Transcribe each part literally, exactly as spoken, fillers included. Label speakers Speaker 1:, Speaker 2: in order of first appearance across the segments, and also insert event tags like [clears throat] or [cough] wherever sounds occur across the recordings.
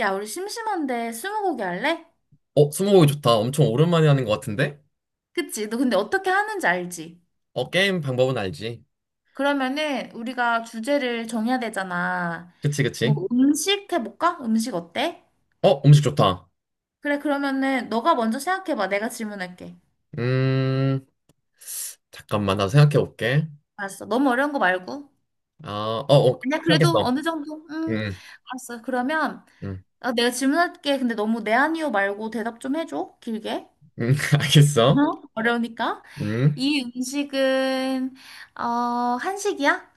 Speaker 1: 야, 우리 심심한데 스무고개 할래?
Speaker 2: 어, 스무고개 좋다. 엄청 오랜만에 하는 것 같은데?
Speaker 1: 그치? 너 근데 어떻게 하는지 알지?
Speaker 2: 어, 게임 방법은 알지.
Speaker 1: 그러면은 우리가 주제를 정해야 되잖아.
Speaker 2: 그치,
Speaker 1: 뭐
Speaker 2: 그치?
Speaker 1: 음식 해볼까? 음식 어때?
Speaker 2: 어, 음식 좋다.
Speaker 1: 그래, 그러면은 너가 먼저 생각해봐. 내가 질문할게.
Speaker 2: 음, 잠깐만, 나 생각해 볼게.
Speaker 1: 알았어. 너무 어려운 거 말고.
Speaker 2: 아, 어, 어,
Speaker 1: 아니야, 그래도
Speaker 2: 생각했어.
Speaker 1: 어느 정도? 응.
Speaker 2: 음,
Speaker 1: 알았어. 그러면
Speaker 2: 음,
Speaker 1: 어, 내가 질문할게. 근데 너무 네 아니요 말고 대답 좀 해줘. 길게.
Speaker 2: 음, [laughs]
Speaker 1: 어?
Speaker 2: 알겠어.
Speaker 1: [laughs] 어려우니까.
Speaker 2: 음,
Speaker 1: 이 음식은 어, 한식이야?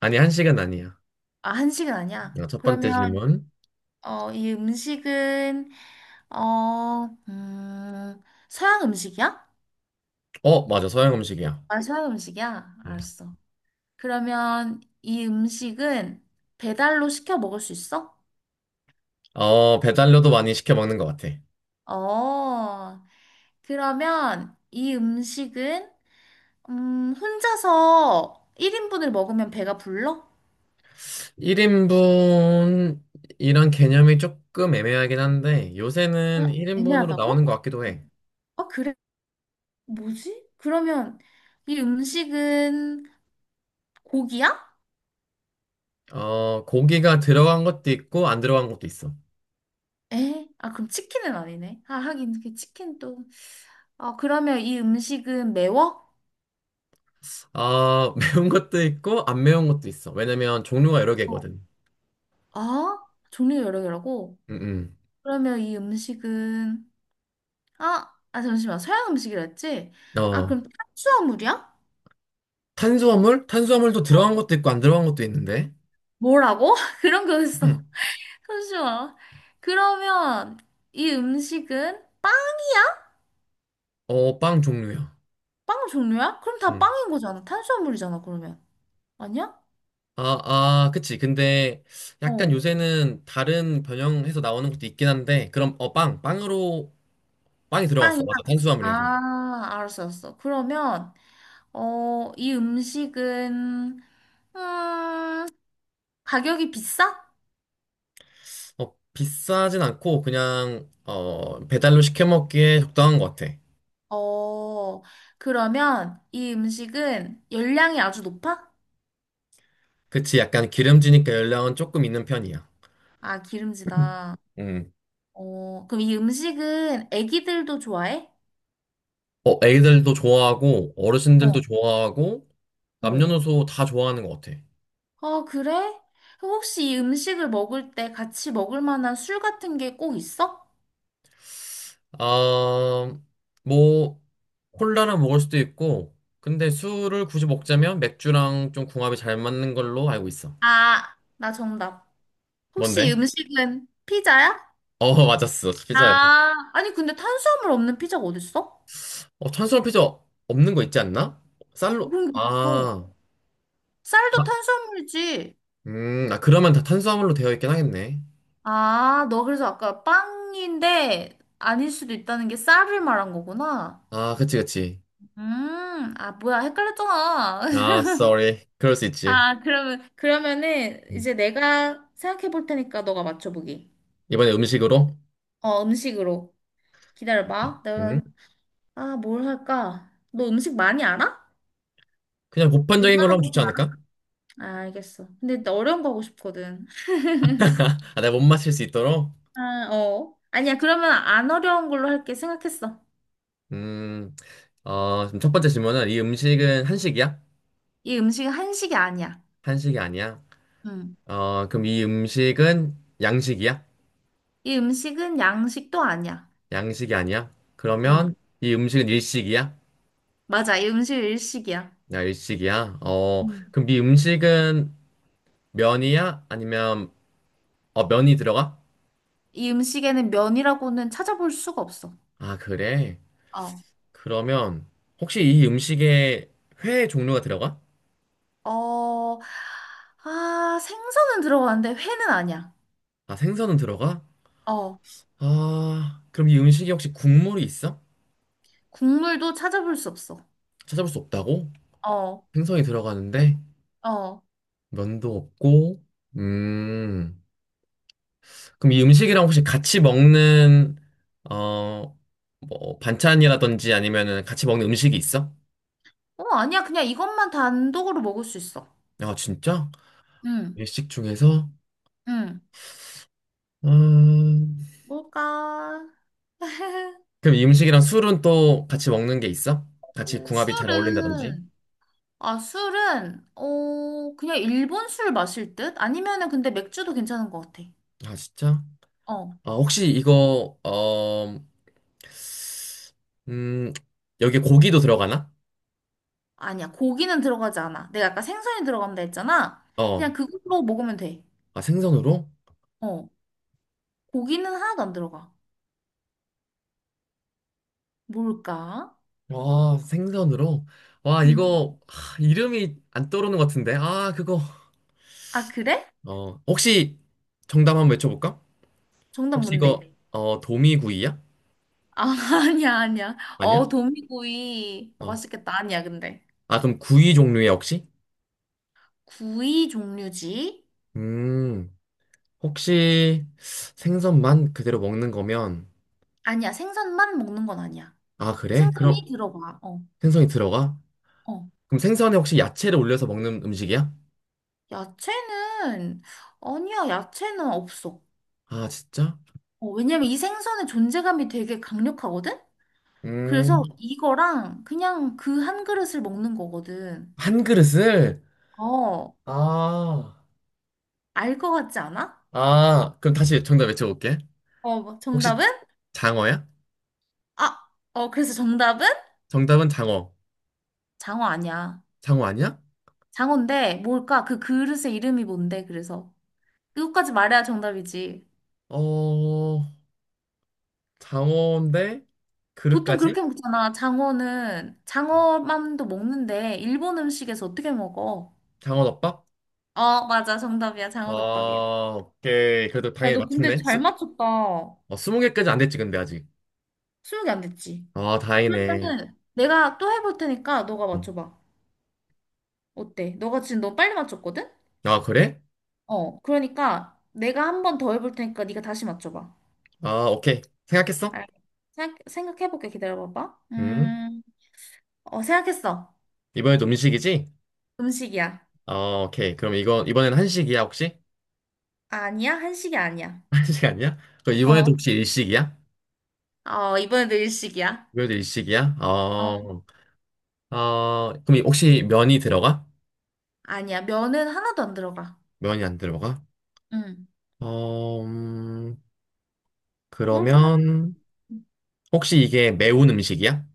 Speaker 2: 아니, 한식은 아니야.
Speaker 1: 아, 한식은 아니야.
Speaker 2: 어, 첫 번째
Speaker 1: 그러면
Speaker 2: 질문.
Speaker 1: 어, 이 음식은, 어, 음, 서양 음식이야?
Speaker 2: 어, 맞아, 서양 음식이야.
Speaker 1: 아, 서양 음식이야?
Speaker 2: 음.
Speaker 1: 알았어. 그러면 이 음식은 배달로 시켜 먹을 수 있어?
Speaker 2: 어, 배달료도 많이 시켜 먹는 것 같아.
Speaker 1: 어, 그러면 이 음식은, 음, 혼자서 일 인분을 먹으면 배가 불러?
Speaker 2: 일 인분, 이런 개념이 조금 애매하긴 한데, 요새는
Speaker 1: 아,
Speaker 2: 일 인분으로 나오는
Speaker 1: 애매하다고?
Speaker 2: 것 같기도 해.
Speaker 1: 아, 그래? 뭐지? 그러면 이 음식은 고기야?
Speaker 2: 어, 고기가 들어간 것도 있고, 안 들어간 것도 있어.
Speaker 1: 에? 아, 그럼 치킨은 아니네. 아, 하긴, 그 치킨도. 아, 그러면 이 음식은 매워?
Speaker 2: 아, [laughs] 매운 것도 있고, 안 매운 것도 있어. 왜냐면 종류가 여러
Speaker 1: 어,
Speaker 2: 개거든.
Speaker 1: 아, 종류 여러 개라고?
Speaker 2: 음,
Speaker 1: 그러면 이 음식은, 아, 아, 잠시만. 서양 음식이라 했지?
Speaker 2: 음.
Speaker 1: 아,
Speaker 2: 어,
Speaker 1: 그럼 탄수화물이야?
Speaker 2: 탄수화물? 탄수화물도
Speaker 1: 어.
Speaker 2: 들어간 것도 있고, 안 들어간 것도 있는데.
Speaker 1: 뭐라고? [laughs] 그런
Speaker 2: [clears throat]
Speaker 1: 거였어.
Speaker 2: 음.
Speaker 1: 잠시만. 그러면 이 음식은 빵?
Speaker 2: 어, 빵 종류야.
Speaker 1: 빵 종류야? 그럼 다
Speaker 2: 음.
Speaker 1: 빵인 거잖아. 탄수화물이잖아, 그러면. 아니야?
Speaker 2: 아, 아, 그치. 근데 약간
Speaker 1: 어.
Speaker 2: 요새는 다른 변형해서 나오는 것도 있긴 한데, 그럼, 어, 빵. 빵으로, 빵이 들어갔어.
Speaker 1: 빵이야?
Speaker 2: 맞아. 탄수화물이야, 그럼.
Speaker 1: 아, 알았어, 알았어. 그러면, 어, 이 음식은, 음, 가격이 비싸?
Speaker 2: 어, 비싸진 않고, 그냥, 어, 배달로 시켜 먹기에 적당한 것 같아.
Speaker 1: 어, 그러면 이 음식은 열량이 아주 높아?
Speaker 2: 그치, 약간 기름지니까 열량은 조금 있는 편이야.
Speaker 1: 아,
Speaker 2: 음.
Speaker 1: 기름지다.
Speaker 2: 음.
Speaker 1: 어, 그럼 이 음식은 애기들도 좋아해?
Speaker 2: 어, 애들도 좋아하고, 어르신들도
Speaker 1: 어,
Speaker 2: 좋아하고,
Speaker 1: 어.
Speaker 2: 남녀노소 다 좋아하는 것 같아.
Speaker 1: 아, 그래? 그럼 혹시 이 음식을 먹을 때 같이 먹을 만한 술 같은 게 꼭 있어?
Speaker 2: 아, 뭐, 콜라랑 먹을 수도 있고, 근데 술을 굳이 먹자면 맥주랑 좀 궁합이 잘 맞는 걸로 알고 있어.
Speaker 1: 아, 나 정답. 혹시 이
Speaker 2: 뭔데?
Speaker 1: 음식은 피자야?
Speaker 2: 어, [laughs] 맞았어. 피자야.
Speaker 1: 아, 아니, 근데 탄수화물 없는 피자가 어딨어?
Speaker 2: 어, 탄수화물 피자 없는 거 있지 않나? 쌀로,
Speaker 1: 그런 게 어딨어?
Speaker 2: 아, 아,
Speaker 1: 쌀도 탄수화물이지.
Speaker 2: 음, 아, 그러면 다 탄수화물로 되어 있긴 하겠네.
Speaker 1: 아, 너 그래서 아까 빵인데 아닐 수도 있다는 게 쌀을 말한 거구나.
Speaker 2: 아, 그치, 그치.
Speaker 1: 음, 아, 뭐야, 헷갈렸잖아.
Speaker 2: 아,
Speaker 1: [laughs]
Speaker 2: sorry. 그럴 수 있지.
Speaker 1: 아, 그러면, 그러면은
Speaker 2: 음.
Speaker 1: 이제 내가 생각해 볼 테니까 너가 맞춰보기.
Speaker 2: 이번에 음식으로?
Speaker 1: 어, 음식으로. 기다려봐.
Speaker 2: 음?
Speaker 1: 내가, 아, 뭘 할까? 너 음식 많이 알아?
Speaker 2: 그냥 보편적인 걸로
Speaker 1: 웬만한
Speaker 2: 하면
Speaker 1: 거
Speaker 2: 좋지
Speaker 1: 다.
Speaker 2: 않을까?
Speaker 1: 아 알겠어. 근데 나 어려운 거 하고 싶거든.
Speaker 2: [laughs] 아, 내가 못 맞힐 수 있도록?
Speaker 1: 아, 어. 아니야, 그러면 안 어려운 걸로 할게. 생각했어.
Speaker 2: 음, 어, 그럼 첫 번째 질문은 이 음식은 한식이야?
Speaker 1: 이 음식은 한식이 아니야.
Speaker 2: 한식이 아니야?
Speaker 1: 음.
Speaker 2: 어, 그럼 이 음식은 양식이야?
Speaker 1: 이 음식은 양식도 아니야.
Speaker 2: 양식이 아니야? 그러면
Speaker 1: 음.
Speaker 2: 이 음식은 일식이야?
Speaker 1: 맞아. 이 음식 일식이야.
Speaker 2: 야, 일식이야? 어,
Speaker 1: 음.
Speaker 2: 그럼 이 음식은 면이야? 아니면, 어, 면이 들어가?
Speaker 1: 이 음식에는 면이라고는 찾아볼 수가 없어.
Speaker 2: 아, 그래?
Speaker 1: 어.
Speaker 2: 그러면 혹시 이 음식에 회 종류가 들어가?
Speaker 1: 어, 아, 생선은 들어가는데 회는 아니야.
Speaker 2: 아, 생선은 들어가?
Speaker 1: 어,
Speaker 2: 아, 그럼 이 음식이 혹시 국물이 있어?
Speaker 1: 국물도 찾아볼 수 없어.
Speaker 2: 찾아볼 수 없다고?
Speaker 1: 어,
Speaker 2: 생선이 들어가는데
Speaker 1: 어,
Speaker 2: 면도 없고. 음, 그럼 이 음식이랑 혹시 같이 먹는 어, 뭐 반찬이라든지 아니면은 같이 먹는 음식이 있어?
Speaker 1: 어, 아니야. 그냥 이것만 단독으로 먹을 수 있어.
Speaker 2: 아, 진짜?
Speaker 1: 응,
Speaker 2: 일식 중에서?
Speaker 1: 응.
Speaker 2: 음,
Speaker 1: 뭘까? [laughs]
Speaker 2: 그럼 이 음식이랑 술은 또 같이 먹는 게 있어? 같이 궁합이 잘 어울린다든지?
Speaker 1: 술은, 아, 술은, 어, 그냥 일본 술 마실 듯? 아니면은 근데 맥주도 괜찮은 것 같아.
Speaker 2: 아, 진짜?
Speaker 1: 어.
Speaker 2: 아, 혹시 이거 어, 음, 여기 고기도 들어가나?
Speaker 1: 아니야, 고기는 들어가지 않아. 내가 아까 생선이 들어간다 했잖아.
Speaker 2: 어,
Speaker 1: 그냥 그걸로 먹으면 돼.
Speaker 2: 아, 생선으로?
Speaker 1: 어, 고기는 하나도 안 들어가. 뭘까?
Speaker 2: 와, 생선으로? 와,
Speaker 1: 음.
Speaker 2: 이거, 하, 이름이 안 떠오르는 것 같은데. 아, 그거.
Speaker 1: 아, 그래?
Speaker 2: 어, 혹시 정답 한번 외쳐볼까?
Speaker 1: 정답
Speaker 2: 혹시 이거,
Speaker 1: 뭔데?
Speaker 2: 어, 도미구이야?
Speaker 1: 아, [laughs] 아니야, 아니야.
Speaker 2: 아니야?
Speaker 1: 어, 도미구이. 어,
Speaker 2: 어.
Speaker 1: 맛있겠다. 아니야, 근데.
Speaker 2: 아, 그럼 구이 종류야, 혹시?
Speaker 1: 구이 종류지?
Speaker 2: 음, 혹시 생선만 그대로 먹는 거면,
Speaker 1: 아니야, 생선만 먹는 건 아니야.
Speaker 2: 아, 그래?
Speaker 1: 생선이
Speaker 2: 그럼
Speaker 1: 들어가. 어,
Speaker 2: 생선이 들어가?
Speaker 1: 어.
Speaker 2: 그럼 생선에 혹시 야채를 올려서 먹는 음식이야?
Speaker 1: 야채는, 아니야, 야채는 없어.
Speaker 2: 아, 진짜?
Speaker 1: 어, 왜냐면 이 생선의 존재감이 되게 강력하거든? 그래서
Speaker 2: 음,
Speaker 1: 이거랑 그냥 그 한 그릇을 먹는 거거든.
Speaker 2: 한 그릇을?
Speaker 1: 어,
Speaker 2: 아.
Speaker 1: 알 것 같지 않아?
Speaker 2: 아, 그럼 다시 정답 외쳐볼게.
Speaker 1: 어, 뭐
Speaker 2: 혹시
Speaker 1: 정답은?
Speaker 2: 장어야?
Speaker 1: 아, 어, 그래서 정답은?
Speaker 2: 정답은 장어.
Speaker 1: 장어 아니야.
Speaker 2: 장어 아니야?
Speaker 1: 장어인데 뭘까? 그 그릇의 이름이 뭔데, 그래서. 그것까지 말해야 정답이지.
Speaker 2: 어, 장어인데
Speaker 1: 보통
Speaker 2: 그릇까지?
Speaker 1: 그렇게 먹잖아. 장어는, 장어만도 먹는데, 일본 음식에서 어떻게 먹어?
Speaker 2: 장어덮밥?
Speaker 1: 어, 맞아. 정답이야. 장어덮밥이야.
Speaker 2: 아, 오케이. 그래도
Speaker 1: 야,
Speaker 2: 당연히
Speaker 1: 너 근데
Speaker 2: 맞췄네.
Speaker 1: 잘
Speaker 2: 스,
Speaker 1: 맞췄다.
Speaker 2: 어, 스무 개까지 안 됐지, 근데 아직.
Speaker 1: 스무 개 안 됐지?
Speaker 2: 아, 다행이네.
Speaker 1: 그러면은 내가 또 해볼 테니까 너가
Speaker 2: 음.
Speaker 1: 맞춰봐. 어때? 너가 지금 너 빨리 맞췄거든?
Speaker 2: 아, 그래?
Speaker 1: 어, 그러니까 내가 한 번 더 해볼 테니까 네가 다시 맞춰봐.
Speaker 2: 아, 오케이. 생각했어?
Speaker 1: 알 생각, 생각해볼게. 기다려봐봐.
Speaker 2: 음.
Speaker 1: 음, 어, 생각했어.
Speaker 2: 이번에도 음식이지?
Speaker 1: 음식이야.
Speaker 2: 어, 오케이. 그럼 이거, 이번엔 한식이야, 혹시?
Speaker 1: 아니야? 한식이 아니야.
Speaker 2: [laughs] 한식 아니야? 그럼 이번에도
Speaker 1: 어,
Speaker 2: 혹시 일식이야?
Speaker 1: 어, 이번에도 일식이야.
Speaker 2: 이번에도 일식이야?
Speaker 1: 어,
Speaker 2: 어, 어, 그럼 혹시 면이 들어가?
Speaker 1: 아니야. 면은 하나도 안 들어가.
Speaker 2: 면이 안 들어가?
Speaker 1: 응.
Speaker 2: 어, 음,
Speaker 1: 뭘까?
Speaker 2: 그러면 혹시 이게 매운 음식이야?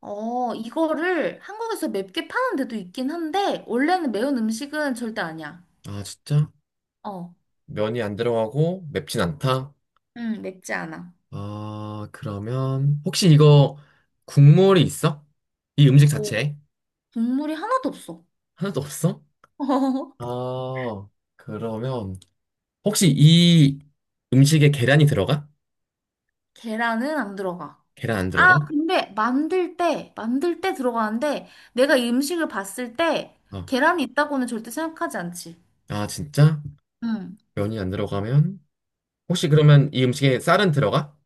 Speaker 1: 어, 이거를 한국에서 맵게 파는 데도 있긴 한데, 원래는 매운 음식은 절대 아니야.
Speaker 2: 아, 진짜?
Speaker 1: 어,
Speaker 2: 면이 안 들어가고 맵진 않다?
Speaker 1: 음, 맵지 않아.
Speaker 2: 아, 그러면 혹시 이거 국물이 있어? 이 음식
Speaker 1: 오,
Speaker 2: 자체에?
Speaker 1: 국물이 하나도 없어.
Speaker 2: 하나도 없어?
Speaker 1: [laughs]
Speaker 2: 아, 그러면 혹시 이 음식에 계란이 들어가?
Speaker 1: 계란은 안 들어가.
Speaker 2: 계란 안
Speaker 1: 아,
Speaker 2: 들어가?
Speaker 1: 근데 만들 때, 만들 때 들어가는데 내가 이 음식을 봤을 때
Speaker 2: 어.
Speaker 1: 계란이 있다고는 절대 생각하지 않지.
Speaker 2: 아, 진짜?
Speaker 1: 응.
Speaker 2: 면이 안 들어가면? 혹시 그러면 이 음식에 쌀은 들어가?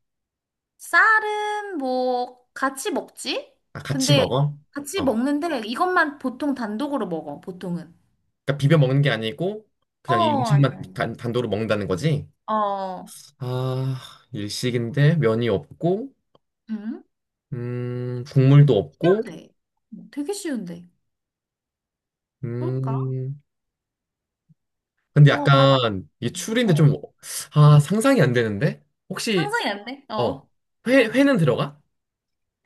Speaker 1: 쌀은 뭐 같이 먹지?
Speaker 2: 아, 같이
Speaker 1: 근데
Speaker 2: 먹어?
Speaker 1: 같이
Speaker 2: 어.
Speaker 1: 먹는데 이것만 보통 단독으로 먹어, 보통은.
Speaker 2: 그러니까 비벼 먹는 게 아니고
Speaker 1: 어,
Speaker 2: 그냥 이 음식만
Speaker 1: 아니야, 아니야.
Speaker 2: 단, 단도로 먹는다는 거지?
Speaker 1: 어,
Speaker 2: 아, 일식인데 면이 없고
Speaker 1: 응?
Speaker 2: 음, 국물도 없고
Speaker 1: 쉬운데. 되게 쉬운데. 뭘까?
Speaker 2: 음. 근데
Speaker 1: 너가 바로,
Speaker 2: 약간 이게 추리인데
Speaker 1: 알아.
Speaker 2: 좀
Speaker 1: 어.
Speaker 2: 아, 상상이 안 되는데? 혹시
Speaker 1: 상상이 안 돼?
Speaker 2: 어,
Speaker 1: 어.
Speaker 2: 회 회는 들어가?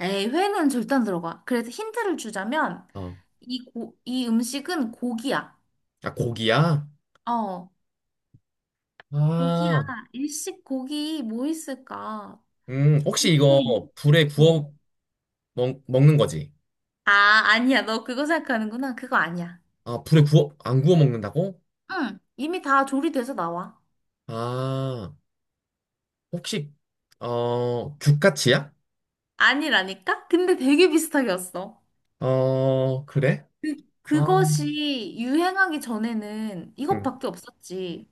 Speaker 1: 에이, 회는 절대 안 들어가. 그래서 힌트를 주자면,
Speaker 2: 어.
Speaker 1: 이, 고, 이 음식은 고기야.
Speaker 2: 아, 고기야?
Speaker 1: 어, 고기야.
Speaker 2: 아.
Speaker 1: 일식 고기 뭐 있을까?
Speaker 2: 음,
Speaker 1: 되게,
Speaker 2: 혹시 이거 불에
Speaker 1: 어.
Speaker 2: 구워 먹, 먹는 거지?
Speaker 1: 아, 아니야. 너 그거 생각하는구나. 그거 아니야.
Speaker 2: 아, 불에 구워 안 구워 먹는다고?
Speaker 1: 응, 이미 다 조리돼서 나와.
Speaker 2: 아. 혹시 어 규카치야?
Speaker 1: 아니라니까? 근데 되게 비슷하게 왔어.
Speaker 2: 어 그래?
Speaker 1: 그,
Speaker 2: 아,
Speaker 1: 그것이 유행하기 전에는
Speaker 2: 응.
Speaker 1: 이것밖에 없었지.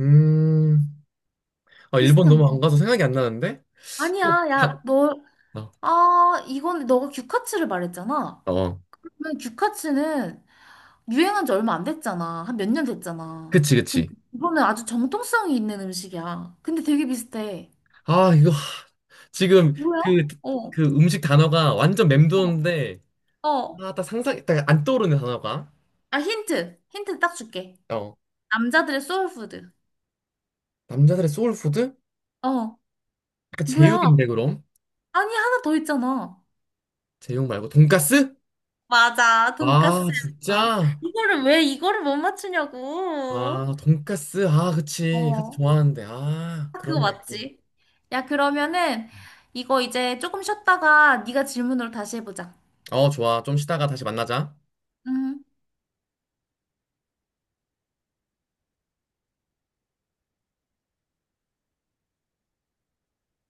Speaker 2: 음, 아, 일본
Speaker 1: 비슷한
Speaker 2: 너무 안
Speaker 1: 거.
Speaker 2: 가서 생각이 안 나는데? 또
Speaker 1: 아니야. 야,
Speaker 2: 밥.
Speaker 1: 너,
Speaker 2: 어,
Speaker 1: 아, 이건 너가 규카츠를 말했잖아.
Speaker 2: 어,
Speaker 1: 근데 규카츠는 유행한 지 얼마 안 됐잖아. 한 몇 년 됐잖아.
Speaker 2: 그치, 그치.
Speaker 1: 근데 이거는 아주 정통성이 있는 음식이야. 근데 되게 비슷해.
Speaker 2: 아, 이거 하, 지금
Speaker 1: 뭐야?
Speaker 2: 그,
Speaker 1: 어,
Speaker 2: 그 음식 단어가 완전
Speaker 1: 어,
Speaker 2: 맴도는데,
Speaker 1: 어.
Speaker 2: 아, 딱 상상, 딱 안 떠오르는 단어가.
Speaker 1: 아, 힌트. 힌트 딱 줄게.
Speaker 2: 어,
Speaker 1: 남자들의 소울푸드.
Speaker 2: 남자들의 소울푸드?
Speaker 1: 어,
Speaker 2: 약간
Speaker 1: 뭐야?
Speaker 2: 제육인데, 그럼?
Speaker 1: 아니, 하나 더 있잖아.
Speaker 2: 제육 말고, 돈까스?
Speaker 1: 맞아,
Speaker 2: 아,
Speaker 1: 돈까스야.
Speaker 2: 진짜?
Speaker 1: 이거를 왜 이거를 못 맞추냐고.
Speaker 2: 아, 돈까스. 아, 그치. 같이
Speaker 1: 어.
Speaker 2: 좋아하는데. 아,
Speaker 1: 딱 그거
Speaker 2: 그렇네.
Speaker 1: 맞지? 야, 그러면은 이거 이제 조금 쉬었다가 네가 질문으로 다시 해보자.
Speaker 2: 어, 좋아. 좀 쉬다가 다시 만나자.
Speaker 1: 음.